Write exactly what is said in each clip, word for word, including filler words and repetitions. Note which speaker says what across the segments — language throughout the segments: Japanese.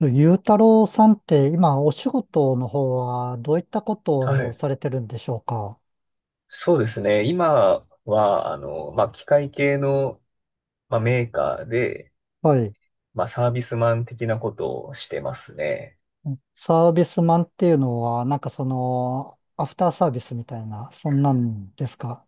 Speaker 1: ゆうたろうさんって今お仕事の方はどういったこ
Speaker 2: は
Speaker 1: とを
Speaker 2: い。
Speaker 1: されてるんでしょうか？
Speaker 2: そうですね。今は、あの、まあ、機械系の、まあ、メーカーで、
Speaker 1: はい。
Speaker 2: まあ、サービスマン的なことをしてますね。
Speaker 1: サービスマンっていうのはなんかそのアフターサービスみたいな、そんなんですか？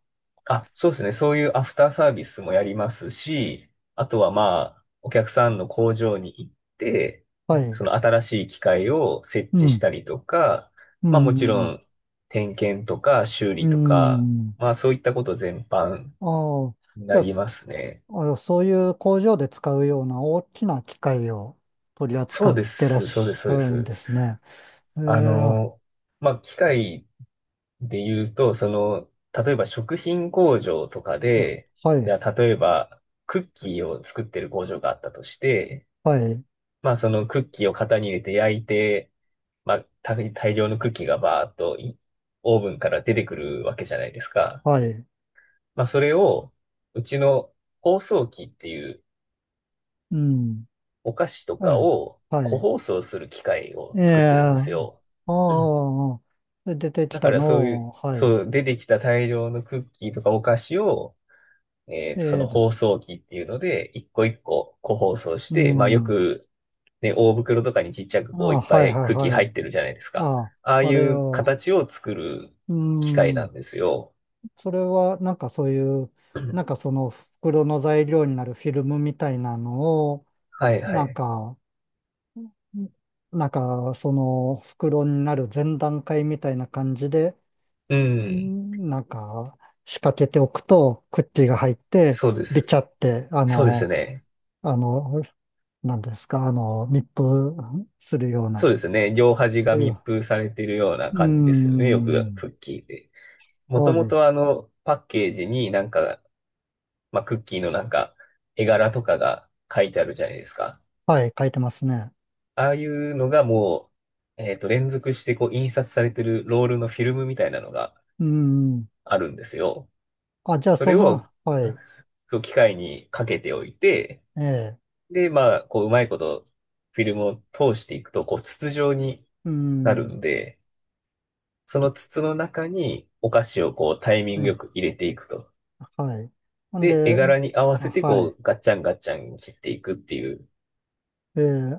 Speaker 2: あ、そうですね。そういうアフターサービスもやりますし、あとは、まあ、お客さんの工場に行って、
Speaker 1: はい。
Speaker 2: その新しい機械を設
Speaker 1: う
Speaker 2: 置し
Speaker 1: ん。
Speaker 2: たりとか、
Speaker 1: う
Speaker 2: まあ、もちろ
Speaker 1: ん。
Speaker 2: ん、点検とか修
Speaker 1: う
Speaker 2: 理とか、
Speaker 1: ん。
Speaker 2: まあ、そういったこと全般
Speaker 1: ああ。
Speaker 2: に
Speaker 1: じ
Speaker 2: な
Speaker 1: ゃあ、
Speaker 2: り
Speaker 1: そ
Speaker 2: ますね。
Speaker 1: あの、そういう工場で使うような大きな機械を取り
Speaker 2: そ
Speaker 1: 扱
Speaker 2: う
Speaker 1: っ
Speaker 2: で
Speaker 1: てらっ
Speaker 2: す。そうで
Speaker 1: し
Speaker 2: す。そう
Speaker 1: ゃ
Speaker 2: で
Speaker 1: るん
Speaker 2: す。
Speaker 1: ですね。ええ、
Speaker 2: あ
Speaker 1: は
Speaker 2: の、まあ、機械で言うと、その、例えば食品工場とかで、じ
Speaker 1: い。
Speaker 2: ゃあ例えばクッキーを作ってる工場があったとして、
Speaker 1: はい。
Speaker 2: まあ、そのクッキーを型に入れて焼いて、まあ、大大量のクッキーがバーっといオーブンから出てくるわけじゃないですか。
Speaker 1: はい。
Speaker 2: まあ、それを、うちの包装機っていう
Speaker 1: うん。
Speaker 2: お菓子と
Speaker 1: は
Speaker 2: か
Speaker 1: い。
Speaker 2: を
Speaker 1: は
Speaker 2: 個
Speaker 1: い。
Speaker 2: 包装する機械を
Speaker 1: え
Speaker 2: 作ってるんで
Speaker 1: え、あ
Speaker 2: すよ。
Speaker 1: あ、で出てき
Speaker 2: だか
Speaker 1: た
Speaker 2: らそうい
Speaker 1: の
Speaker 2: う、
Speaker 1: を、はい。
Speaker 2: そう、出てきた大量のクッキーとかお菓子を、えっと、そ
Speaker 1: え
Speaker 2: の
Speaker 1: え、
Speaker 2: 包装機っていうので、一個一個個包装し
Speaker 1: う
Speaker 2: て、まあよ
Speaker 1: ん。あ
Speaker 2: く、ね、大袋とかにちっちゃく
Speaker 1: あ、
Speaker 2: こういっ
Speaker 1: は
Speaker 2: ぱ
Speaker 1: い
Speaker 2: い
Speaker 1: は
Speaker 2: ク
Speaker 1: い
Speaker 2: ッキー
Speaker 1: は
Speaker 2: 入
Speaker 1: い。
Speaker 2: ってるじゃないですか。
Speaker 1: あ
Speaker 2: ああ
Speaker 1: あ、あ
Speaker 2: い
Speaker 1: れ
Speaker 2: う
Speaker 1: を、
Speaker 2: 形を作る
Speaker 1: う
Speaker 2: 機械な
Speaker 1: ん。
Speaker 2: んですよ。
Speaker 1: それは、なんかそういう、なん かその袋の材料になるフィルムみたいなのを、
Speaker 2: はいは
Speaker 1: なん
Speaker 2: い。
Speaker 1: か、なんかその袋になる前段階みたいな感じで、
Speaker 2: う
Speaker 1: う
Speaker 2: ん。
Speaker 1: ん、なんか仕掛けておくと、クッキーが入って、
Speaker 2: そうで
Speaker 1: ビチ
Speaker 2: す。
Speaker 1: ャって、あ
Speaker 2: そうです
Speaker 1: の、
Speaker 2: ね。
Speaker 1: あの、なんですか、あの、密封するよう
Speaker 2: そ
Speaker 1: な、
Speaker 2: うですね。両端が
Speaker 1: そういう、う
Speaker 2: 密封されてるような
Speaker 1: ー
Speaker 2: 感じですよね。よく
Speaker 1: ん、
Speaker 2: クッキーで。もと
Speaker 1: は
Speaker 2: も
Speaker 1: い、
Speaker 2: とあの、パッケージになんかまあ、クッキーのなんか、絵柄とかが書いてあるじゃないですか。
Speaker 1: はい、書いてますね。
Speaker 2: ああいうのがもう、えっと、連続してこう、印刷されてるロールのフィルムみたいなのが
Speaker 1: うーん、
Speaker 2: あるんですよ。
Speaker 1: あ、じゃあ
Speaker 2: そ
Speaker 1: そ
Speaker 2: れ
Speaker 1: の、
Speaker 2: を、
Speaker 1: はい、
Speaker 2: そう、機械にかけておいて、
Speaker 1: ええ、
Speaker 2: で、まあ、こう、うまいこと、フィルムを通していくと、こう、筒状に
Speaker 1: うー
Speaker 2: なる
Speaker 1: ん、
Speaker 2: んで、その筒の中にお菓子をこう、タイミングよ
Speaker 1: ね、
Speaker 2: く入れていくと。
Speaker 1: はい。ん
Speaker 2: で、絵
Speaker 1: で、
Speaker 2: 柄に合わ
Speaker 1: あ、
Speaker 2: せて、
Speaker 1: は
Speaker 2: こ
Speaker 1: い、
Speaker 2: う、ガッチャンガッチャン切っていくっていう。
Speaker 1: ええ、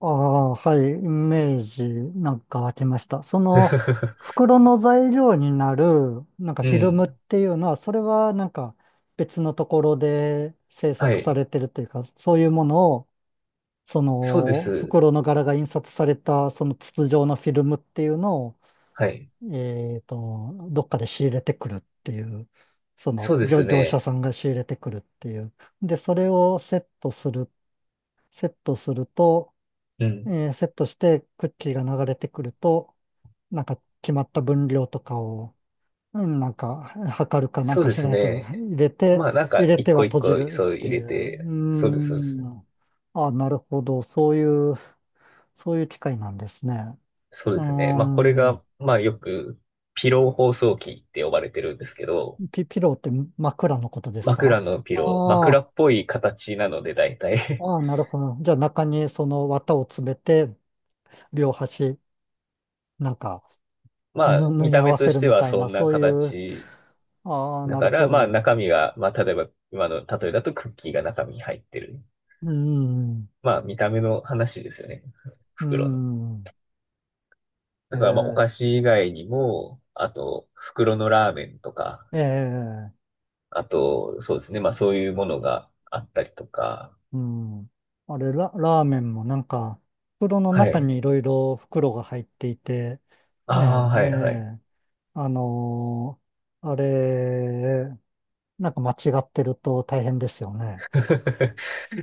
Speaker 1: ああ、はい、イメージなんか湧きました。その、袋の材料になる、なんか
Speaker 2: う
Speaker 1: フィル
Speaker 2: ん。
Speaker 1: ムっていうのは、それはなんか別のところで制
Speaker 2: は
Speaker 1: 作さ
Speaker 2: い。
Speaker 1: れてるというか、そういうものを、そ
Speaker 2: そうで
Speaker 1: の
Speaker 2: す。
Speaker 1: 袋の柄が印刷されたその筒状のフィルムっていうのを、
Speaker 2: はい。
Speaker 1: えっと、どっかで仕入れてくるっていう、そ
Speaker 2: そ
Speaker 1: の
Speaker 2: うで
Speaker 1: 業、
Speaker 2: す
Speaker 1: 業者
Speaker 2: ね。
Speaker 1: さんが仕入れてくるっていう。で、それをセットする、セットすると、
Speaker 2: うん。
Speaker 1: えーセットしてクッキーが流れてくると、なんか決まった分量とかを、うんなんか測るかなん
Speaker 2: そう
Speaker 1: か
Speaker 2: で
Speaker 1: し
Speaker 2: す
Speaker 1: ないと
Speaker 2: ね。
Speaker 1: 入れて、
Speaker 2: まあなんか
Speaker 1: 入れ
Speaker 2: 一
Speaker 1: ては
Speaker 2: 個一
Speaker 1: 閉じ
Speaker 2: 個
Speaker 1: るっ
Speaker 2: そう
Speaker 1: て
Speaker 2: 入
Speaker 1: い
Speaker 2: れ
Speaker 1: う。うー
Speaker 2: て、そうです、そうです。
Speaker 1: ん。あ、なるほど。そういう。そういう機械なんですね。
Speaker 2: そう
Speaker 1: う
Speaker 2: で
Speaker 1: ー
Speaker 2: すね。まあこれが、
Speaker 1: ん、
Speaker 2: まあよくピロー包装機って呼ばれてるんですけど、
Speaker 1: ピ、ピローって枕のことです
Speaker 2: 枕
Speaker 1: か？
Speaker 2: のピロー、
Speaker 1: あ
Speaker 2: 枕
Speaker 1: あ、
Speaker 2: っぽい形なので大体
Speaker 1: ああ、なるほど。じゃあ中にその綿を詰めて、両端、なんか、
Speaker 2: まあ
Speaker 1: ぬ、縫
Speaker 2: 見
Speaker 1: い
Speaker 2: た
Speaker 1: 合
Speaker 2: 目
Speaker 1: わ
Speaker 2: と
Speaker 1: せ
Speaker 2: し
Speaker 1: る
Speaker 2: て
Speaker 1: み
Speaker 2: は
Speaker 1: たい
Speaker 2: そ
Speaker 1: な、
Speaker 2: んな
Speaker 1: そういう、
Speaker 2: 形
Speaker 1: ああ、
Speaker 2: だ
Speaker 1: なる
Speaker 2: か
Speaker 1: ほ
Speaker 2: ら、まあ
Speaker 1: ど。
Speaker 2: 中身が、まあ例えば今の例えだとクッキーが中身に入ってる。
Speaker 1: うーん、
Speaker 2: まあ見た目の話ですよね。
Speaker 1: うー
Speaker 2: 袋の。
Speaker 1: ん、え
Speaker 2: だからまあお
Speaker 1: え、
Speaker 2: 菓子以外にも、あと袋のラーメンとか、
Speaker 1: ええ、
Speaker 2: あとそうですね、まあそういうものがあったりとか、
Speaker 1: うん。あれ、ラ、ラーメンもなんか、袋の
Speaker 2: は
Speaker 1: 中
Speaker 2: い。
Speaker 1: にいろいろ袋が入っていて、ね
Speaker 2: ああ、
Speaker 1: え、え
Speaker 2: はいはい。
Speaker 1: え、あのーあれ、なんか間違ってると大変ですよね。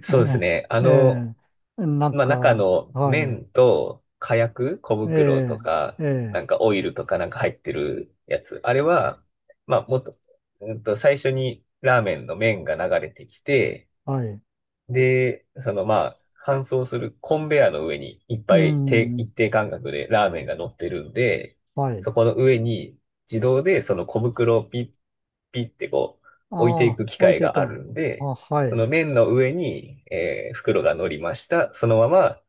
Speaker 2: そうで
Speaker 1: は
Speaker 2: すね。あ
Speaker 1: い、
Speaker 2: の、
Speaker 1: ええ、なん
Speaker 2: まあ中
Speaker 1: か、
Speaker 2: の
Speaker 1: はい、
Speaker 2: 麺と火薬、小
Speaker 1: え
Speaker 2: 袋と
Speaker 1: え、
Speaker 2: か、
Speaker 1: え
Speaker 2: な
Speaker 1: え、
Speaker 2: んかオイルとかなんか入ってるやつ。あれは、まあもっと、うんと最初にラーメンの麺が流れてきて、
Speaker 1: はい、
Speaker 2: で、そのまあ、搬送するコンベヤーの上にいっ
Speaker 1: う
Speaker 2: ぱい定一
Speaker 1: ん、
Speaker 2: 定間隔でラーメンが乗ってるんで、
Speaker 1: はい。
Speaker 2: そこの上に自動でその小袋をピッピッってこう置いて
Speaker 1: あ
Speaker 2: い
Speaker 1: あ、
Speaker 2: く機
Speaker 1: 置い
Speaker 2: 械
Speaker 1: てい
Speaker 2: が
Speaker 1: く
Speaker 2: ある
Speaker 1: の。
Speaker 2: んで、
Speaker 1: あ、は
Speaker 2: その
Speaker 1: い、
Speaker 2: 麺の上に、えー袋が乗りました。そのまま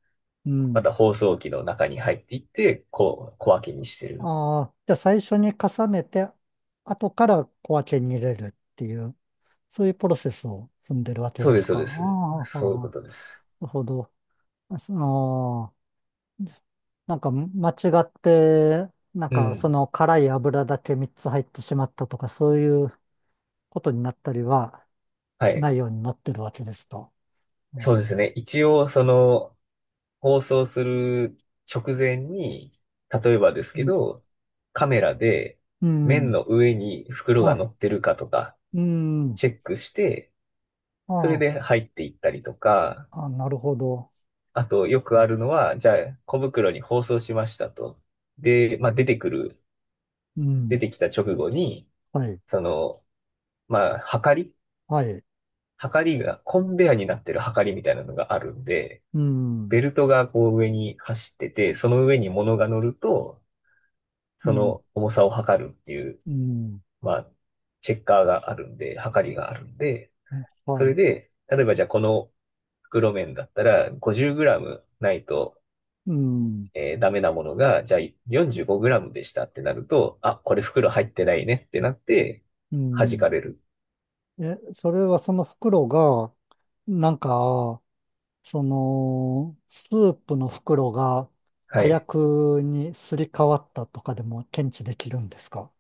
Speaker 1: う
Speaker 2: ま
Speaker 1: ん。
Speaker 2: た包装機の中に入っていって、こう小分けにしてる。
Speaker 1: ああ、じゃあ最初に重ねて、後から小分けに入れるっていう、そういうプロセスを踏んでるわけ
Speaker 2: そう
Speaker 1: で
Speaker 2: で
Speaker 1: す
Speaker 2: す、そう
Speaker 1: か。あ
Speaker 2: です。
Speaker 1: あ、はあ
Speaker 2: そういう
Speaker 1: はあ
Speaker 2: ことです。
Speaker 1: なるほど。ああ、なんか間違って、なん
Speaker 2: う
Speaker 1: かそ
Speaker 2: ん。
Speaker 1: の辛い油だけみっつ入ってしまったとか、そういうことになったりは
Speaker 2: は
Speaker 1: しな
Speaker 2: い。
Speaker 1: いようになってるわけですと。う
Speaker 2: そうですね。一応、その、放送する直前に、例えばですけ
Speaker 1: ん。
Speaker 2: ど、カメラで
Speaker 1: うん。う
Speaker 2: 麺
Speaker 1: ん
Speaker 2: の上に袋が
Speaker 1: あ、
Speaker 2: 乗ってるかとか
Speaker 1: うん。
Speaker 2: チェックして、それ
Speaker 1: あ、
Speaker 2: で入っていったりとか、
Speaker 1: あ、なるほど。
Speaker 2: あとよくあるのは、じゃあ小袋に包装しましたと。で、まあ出てくる、
Speaker 1: う
Speaker 2: 出
Speaker 1: ん。
Speaker 2: てきた直後に、
Speaker 1: はい。
Speaker 2: その、まあ、はかり
Speaker 1: はい。
Speaker 2: はかりが、コンベアになってるはかりみたいなのがあるんで、
Speaker 1: うん。
Speaker 2: ベルトがこう上に走ってて、その上に物が乗ると、
Speaker 1: う
Speaker 2: そ
Speaker 1: ん。
Speaker 2: の重さを測るっていう、
Speaker 1: うん。
Speaker 2: まあ、チェッカーがあるんで、測りがあるんで、
Speaker 1: えは
Speaker 2: それ
Speaker 1: い。
Speaker 2: で、例えばじゃあこの袋麺だったら ごじゅうグラム ないと、
Speaker 1: うん。
Speaker 2: えーダメなものが、じゃあ よんじゅうごグラム でしたってなると、あ、これ袋入ってないねってなって、
Speaker 1: う
Speaker 2: 弾か
Speaker 1: ん。
Speaker 2: れる。
Speaker 1: え、それはその袋が、なんか、その、スープの袋が
Speaker 2: は
Speaker 1: 火
Speaker 2: い。
Speaker 1: 薬にすり替わったとかでも検知できるんですか？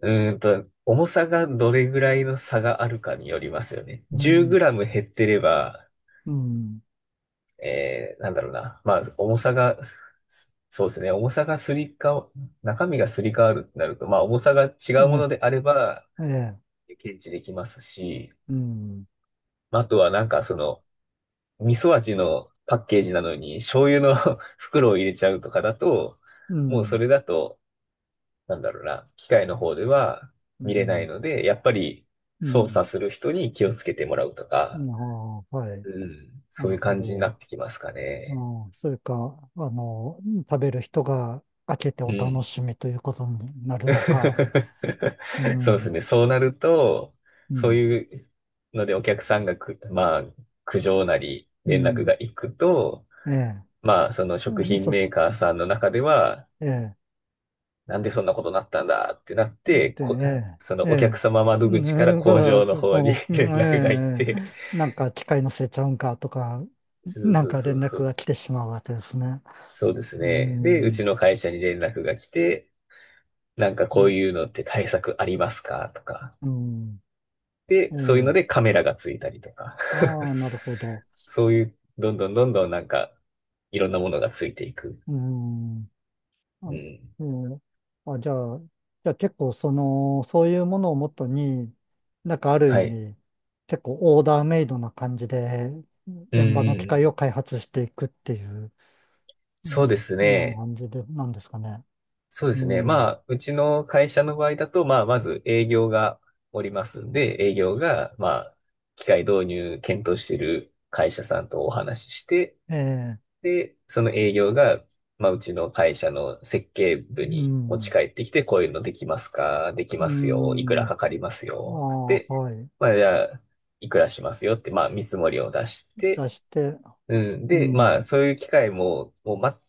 Speaker 2: うーんと、重さがどれぐらいの差があるかによりますよね。
Speaker 1: うん、
Speaker 2: じゅうグラム 減ってれば、
Speaker 1: うん、
Speaker 2: えー、なんだろうな。まあ、重さが、そうですね。重さがすりか、中身がすり替わるってなると、まあ、重さが違うも
Speaker 1: え、
Speaker 2: のであれば、
Speaker 1: ええ、
Speaker 2: 検知できますし、
Speaker 1: うん、
Speaker 2: まああとはなんかその、味噌味のパッケージなのに、醤油の 袋を入れちゃうとかだと、
Speaker 1: う
Speaker 2: もうそ
Speaker 1: ん、
Speaker 2: れだと、なんだろうな。機械の方では
Speaker 1: う
Speaker 2: 見れない
Speaker 1: ん、
Speaker 2: ので、やっぱり
Speaker 1: う
Speaker 2: 操
Speaker 1: ん、
Speaker 2: 作する人に気をつけてもらうと
Speaker 1: う
Speaker 2: か、
Speaker 1: ん、ああ、はい、
Speaker 2: うん、
Speaker 1: な
Speaker 2: そう
Speaker 1: る
Speaker 2: いう
Speaker 1: ほ
Speaker 2: 感じにな
Speaker 1: ど。
Speaker 2: ってきますかね。
Speaker 1: ああ、それか、あの、食べる人が開けてお
Speaker 2: う
Speaker 1: 楽
Speaker 2: ん。
Speaker 1: しみということになるのか。う
Speaker 2: そうで
Speaker 1: ん、
Speaker 2: す
Speaker 1: う
Speaker 2: ね。そうなると、そう
Speaker 1: ん、
Speaker 2: いうのでお客さんがく、まあ、苦情なり
Speaker 1: う
Speaker 2: 連絡
Speaker 1: ん、
Speaker 2: が行くと、
Speaker 1: ええ、
Speaker 2: まあ、その食
Speaker 1: うん
Speaker 2: 品
Speaker 1: そし、
Speaker 2: メーカーさんの中では、
Speaker 1: ええ。
Speaker 2: なんでそんなことになったんだってなって、
Speaker 1: で、
Speaker 2: こ、そ
Speaker 1: ええ、え
Speaker 2: のお客
Speaker 1: え、
Speaker 2: 様窓
Speaker 1: う
Speaker 2: 口から
Speaker 1: んだか
Speaker 2: 工
Speaker 1: ら、
Speaker 2: 場の
Speaker 1: そ
Speaker 2: 方に
Speaker 1: こ う、
Speaker 2: 連
Speaker 1: ん
Speaker 2: 絡が行っ
Speaker 1: ええ、
Speaker 2: て、
Speaker 1: なんか機械のせいちゃうんかとか、
Speaker 2: そう
Speaker 1: なん
Speaker 2: そう
Speaker 1: か
Speaker 2: そ
Speaker 1: 連
Speaker 2: うそ
Speaker 1: 絡が
Speaker 2: う。
Speaker 1: 来てしまうわけですね。
Speaker 2: そうです
Speaker 1: う
Speaker 2: ね。で、う
Speaker 1: ん、う
Speaker 2: ちの会社に連絡が来て、なんかこういう
Speaker 1: ん、
Speaker 2: のって対策ありますかとか。
Speaker 1: うん、
Speaker 2: で、
Speaker 1: え
Speaker 2: そういうの
Speaker 1: え、
Speaker 2: でカメラがついたりとか。
Speaker 1: ああ、なるほど。
Speaker 2: そういう、どんどんどんどんなんか、いろんなものがついていく。
Speaker 1: うん、
Speaker 2: う
Speaker 1: あ、
Speaker 2: ん。
Speaker 1: ええ、あ、じゃあ、じゃあ結構その、そういうものをもとに、なんかある意
Speaker 2: はい。
Speaker 1: 味、結構オーダーメイドな感じで、
Speaker 2: うん
Speaker 1: 現場の
Speaker 2: う
Speaker 1: 機械
Speaker 2: ん。
Speaker 1: を開発していくっていう。う
Speaker 2: そ
Speaker 1: ん。
Speaker 2: うです
Speaker 1: な
Speaker 2: ね。
Speaker 1: 感じで、なんですかね。
Speaker 2: そうで
Speaker 1: う
Speaker 2: すね。ま
Speaker 1: ん。
Speaker 2: あ、うちの会社の場合だと、まあ、まず営業がおりますんで、営業が、まあ、機械導入検討している会社さんとお話しして、
Speaker 1: ええ、
Speaker 2: で、その営業が、まあ、うちの会社の設計
Speaker 1: う
Speaker 2: 部に持ち
Speaker 1: ん。
Speaker 2: 帰ってきて、こういうのできますかでき
Speaker 1: う
Speaker 2: ますよ。いくら
Speaker 1: ん。
Speaker 2: かかります
Speaker 1: あ
Speaker 2: よ。つって、
Speaker 1: あ、はい。
Speaker 2: まあ、じゃあ、いくらしますよって、まあ、見積もりを出し
Speaker 1: 出
Speaker 2: て、
Speaker 1: して、
Speaker 2: うん。
Speaker 1: う
Speaker 2: で、まあ、
Speaker 1: ん。
Speaker 2: そういう機械も、もう、ま、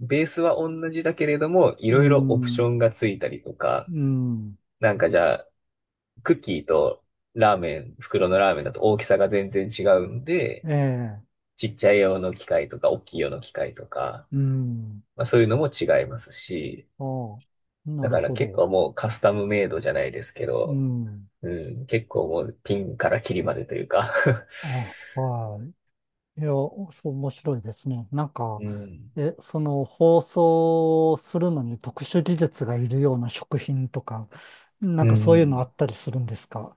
Speaker 2: ベースは同じだけれども、い
Speaker 1: う
Speaker 2: ろいろオプショ
Speaker 1: ん。
Speaker 2: ンがついたりとか、
Speaker 1: うん。
Speaker 2: なんかじゃあ、クッキーとラーメン、袋のラーメンだと大きさが全然違うんで、
Speaker 1: ええ、
Speaker 2: ちっちゃい用の機械とか、大きい用の機械とか、
Speaker 1: うん。
Speaker 2: まあそういうのも違いますし、
Speaker 1: ああ、な
Speaker 2: だ
Speaker 1: る
Speaker 2: から
Speaker 1: ほ
Speaker 2: 結
Speaker 1: ど。
Speaker 2: 構もうカスタムメイドじゃないですけ
Speaker 1: う
Speaker 2: ど、
Speaker 1: ん。
Speaker 2: うん、結構もうピンからキリまでというか
Speaker 1: あ、はい。いや、そう、面白いですね。なんか、
Speaker 2: うん、
Speaker 1: え、その、包装するのに特殊技術がいるような食品とか、な
Speaker 2: う
Speaker 1: んかそういうのあ
Speaker 2: ん。
Speaker 1: ったりするんですか？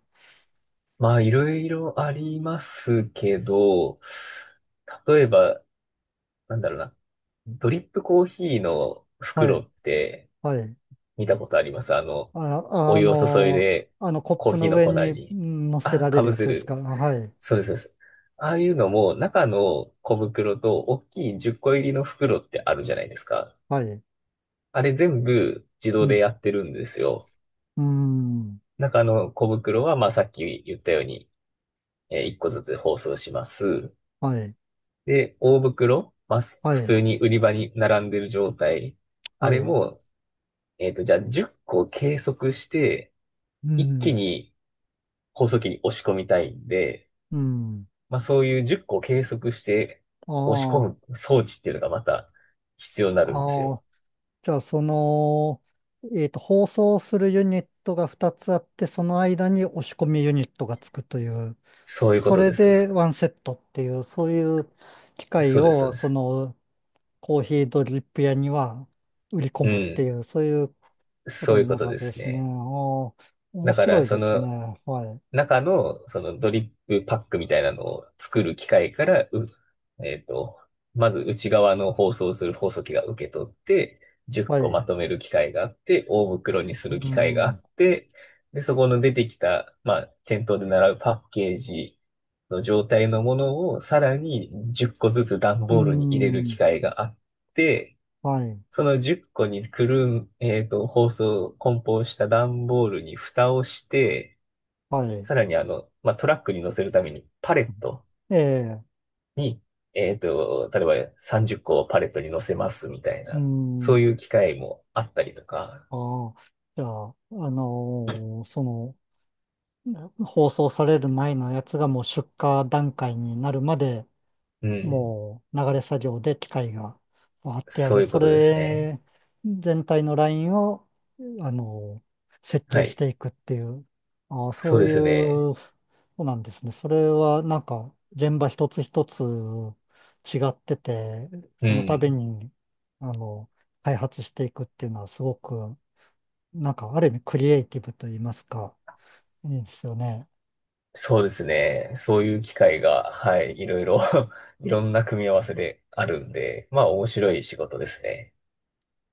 Speaker 2: まあいろいろありますけど、例えば、なんだろうな、ドリップコーヒーの
Speaker 1: は
Speaker 2: 袋
Speaker 1: い。
Speaker 2: って
Speaker 1: はい。
Speaker 2: 見たことあります？あの、
Speaker 1: あ、
Speaker 2: お
Speaker 1: あ
Speaker 2: 湯を注い
Speaker 1: の、
Speaker 2: で
Speaker 1: あのコッ
Speaker 2: コー
Speaker 1: プ
Speaker 2: ヒー
Speaker 1: の
Speaker 2: の
Speaker 1: 上
Speaker 2: 粉
Speaker 1: に
Speaker 2: に、
Speaker 1: ん乗せ
Speaker 2: あ、
Speaker 1: られ
Speaker 2: か
Speaker 1: る
Speaker 2: ぶ
Speaker 1: や
Speaker 2: せ
Speaker 1: つですか。
Speaker 2: る。
Speaker 1: はい。
Speaker 2: そうです、そうです。ああいうのも、中の小袋と大きいじゅっこ入りの袋ってあるじゃないですか。
Speaker 1: はい。
Speaker 2: あれ全部自
Speaker 1: う
Speaker 2: 動で
Speaker 1: ん。
Speaker 2: やってるんですよ。
Speaker 1: うん。
Speaker 2: 中の小袋は、まあさっき言ったように、えいっこずつ包装します。
Speaker 1: はい。
Speaker 2: で、大袋、まあす
Speaker 1: は
Speaker 2: 普
Speaker 1: い。
Speaker 2: 通に売り場に並んでる状態。あ
Speaker 1: は
Speaker 2: れ
Speaker 1: い。
Speaker 2: も、えっと、じゃあじゅっこ計測して、
Speaker 1: う
Speaker 2: 一気
Speaker 1: ん。
Speaker 2: に包装機に押し込みたいんで、
Speaker 1: うん。
Speaker 2: まあそういうじゅっこを計測して押し込
Speaker 1: あ
Speaker 2: む装置っていうのがまた必要になるんです
Speaker 1: あ。あ
Speaker 2: よ。
Speaker 1: あ。じゃあ、その、えっと、放送するユニットがふたつあって、その間に押し込みユニットがつくという、
Speaker 2: そういうこ
Speaker 1: そ
Speaker 2: と
Speaker 1: れ
Speaker 2: です。
Speaker 1: で
Speaker 2: そ
Speaker 1: ワンセットっていう、そういう機械
Speaker 2: そうです、そう
Speaker 1: を、
Speaker 2: で
Speaker 1: そ
Speaker 2: す。
Speaker 1: の、コーヒードリップ屋には売り込
Speaker 2: う
Speaker 1: むって
Speaker 2: ん。
Speaker 1: いう、そういうこ
Speaker 2: そ
Speaker 1: と
Speaker 2: うい
Speaker 1: に
Speaker 2: う
Speaker 1: な
Speaker 2: こ
Speaker 1: る
Speaker 2: と
Speaker 1: わ
Speaker 2: で
Speaker 1: けで
Speaker 2: す
Speaker 1: すね。あ
Speaker 2: ね。
Speaker 1: あ、面
Speaker 2: だか
Speaker 1: 白
Speaker 2: ら、
Speaker 1: い
Speaker 2: そ
Speaker 1: ですね。
Speaker 2: の、
Speaker 1: はい。
Speaker 2: 中の、そのドリップパックみたいなのを作る機械から、うえっと、まず内側の包装する包装機が受け取って、10
Speaker 1: は
Speaker 2: 個ま
Speaker 1: い。
Speaker 2: とめる機械があって、大袋にす
Speaker 1: う
Speaker 2: る機械があ
Speaker 1: ん。
Speaker 2: って、で、そこの出てきた、まあ、店頭で習うパッケージの状態のものをさらにじゅっこずつ段
Speaker 1: う
Speaker 2: ボールに入れる機
Speaker 1: ん。
Speaker 2: 械があって、
Speaker 1: はい。
Speaker 2: そのじゅっこにくるん、えっと、包装、梱包した段ボールに蓋をして、
Speaker 1: はい。
Speaker 2: さらにあの、まあ、トラックに乗せるためにパレット
Speaker 1: ええ。
Speaker 2: に、えっと、例えばさんじゅっこをパレットに乗せますみたい
Speaker 1: う
Speaker 2: な、そう
Speaker 1: ん。
Speaker 2: いう機会もあったりとか、
Speaker 1: ああ。じゃあ、あのーその、放送される前のやつがもう出荷段階になるまで
Speaker 2: うん、
Speaker 1: もう流れ作業で機械がわーってや
Speaker 2: そう
Speaker 1: る。
Speaker 2: いう
Speaker 1: そ
Speaker 2: ことですね。
Speaker 1: れ全体のラインを、あの、設
Speaker 2: は
Speaker 1: 計し
Speaker 2: い。
Speaker 1: ていくっていう、あーそ
Speaker 2: そう
Speaker 1: う
Speaker 2: で
Speaker 1: い
Speaker 2: すね。
Speaker 1: う、そうなんですね。それはなんか現場一つ一つ違ってて、
Speaker 2: う
Speaker 1: その度
Speaker 2: ん。
Speaker 1: に、あの、開発していくっていうのはすごく、なんかある意味クリエイティブと言いますか、いいですよね。
Speaker 2: そうですね。そういう機会が、はい、いろいろ いろんな組み合わせであるんで、まあ面白い仕事ですね。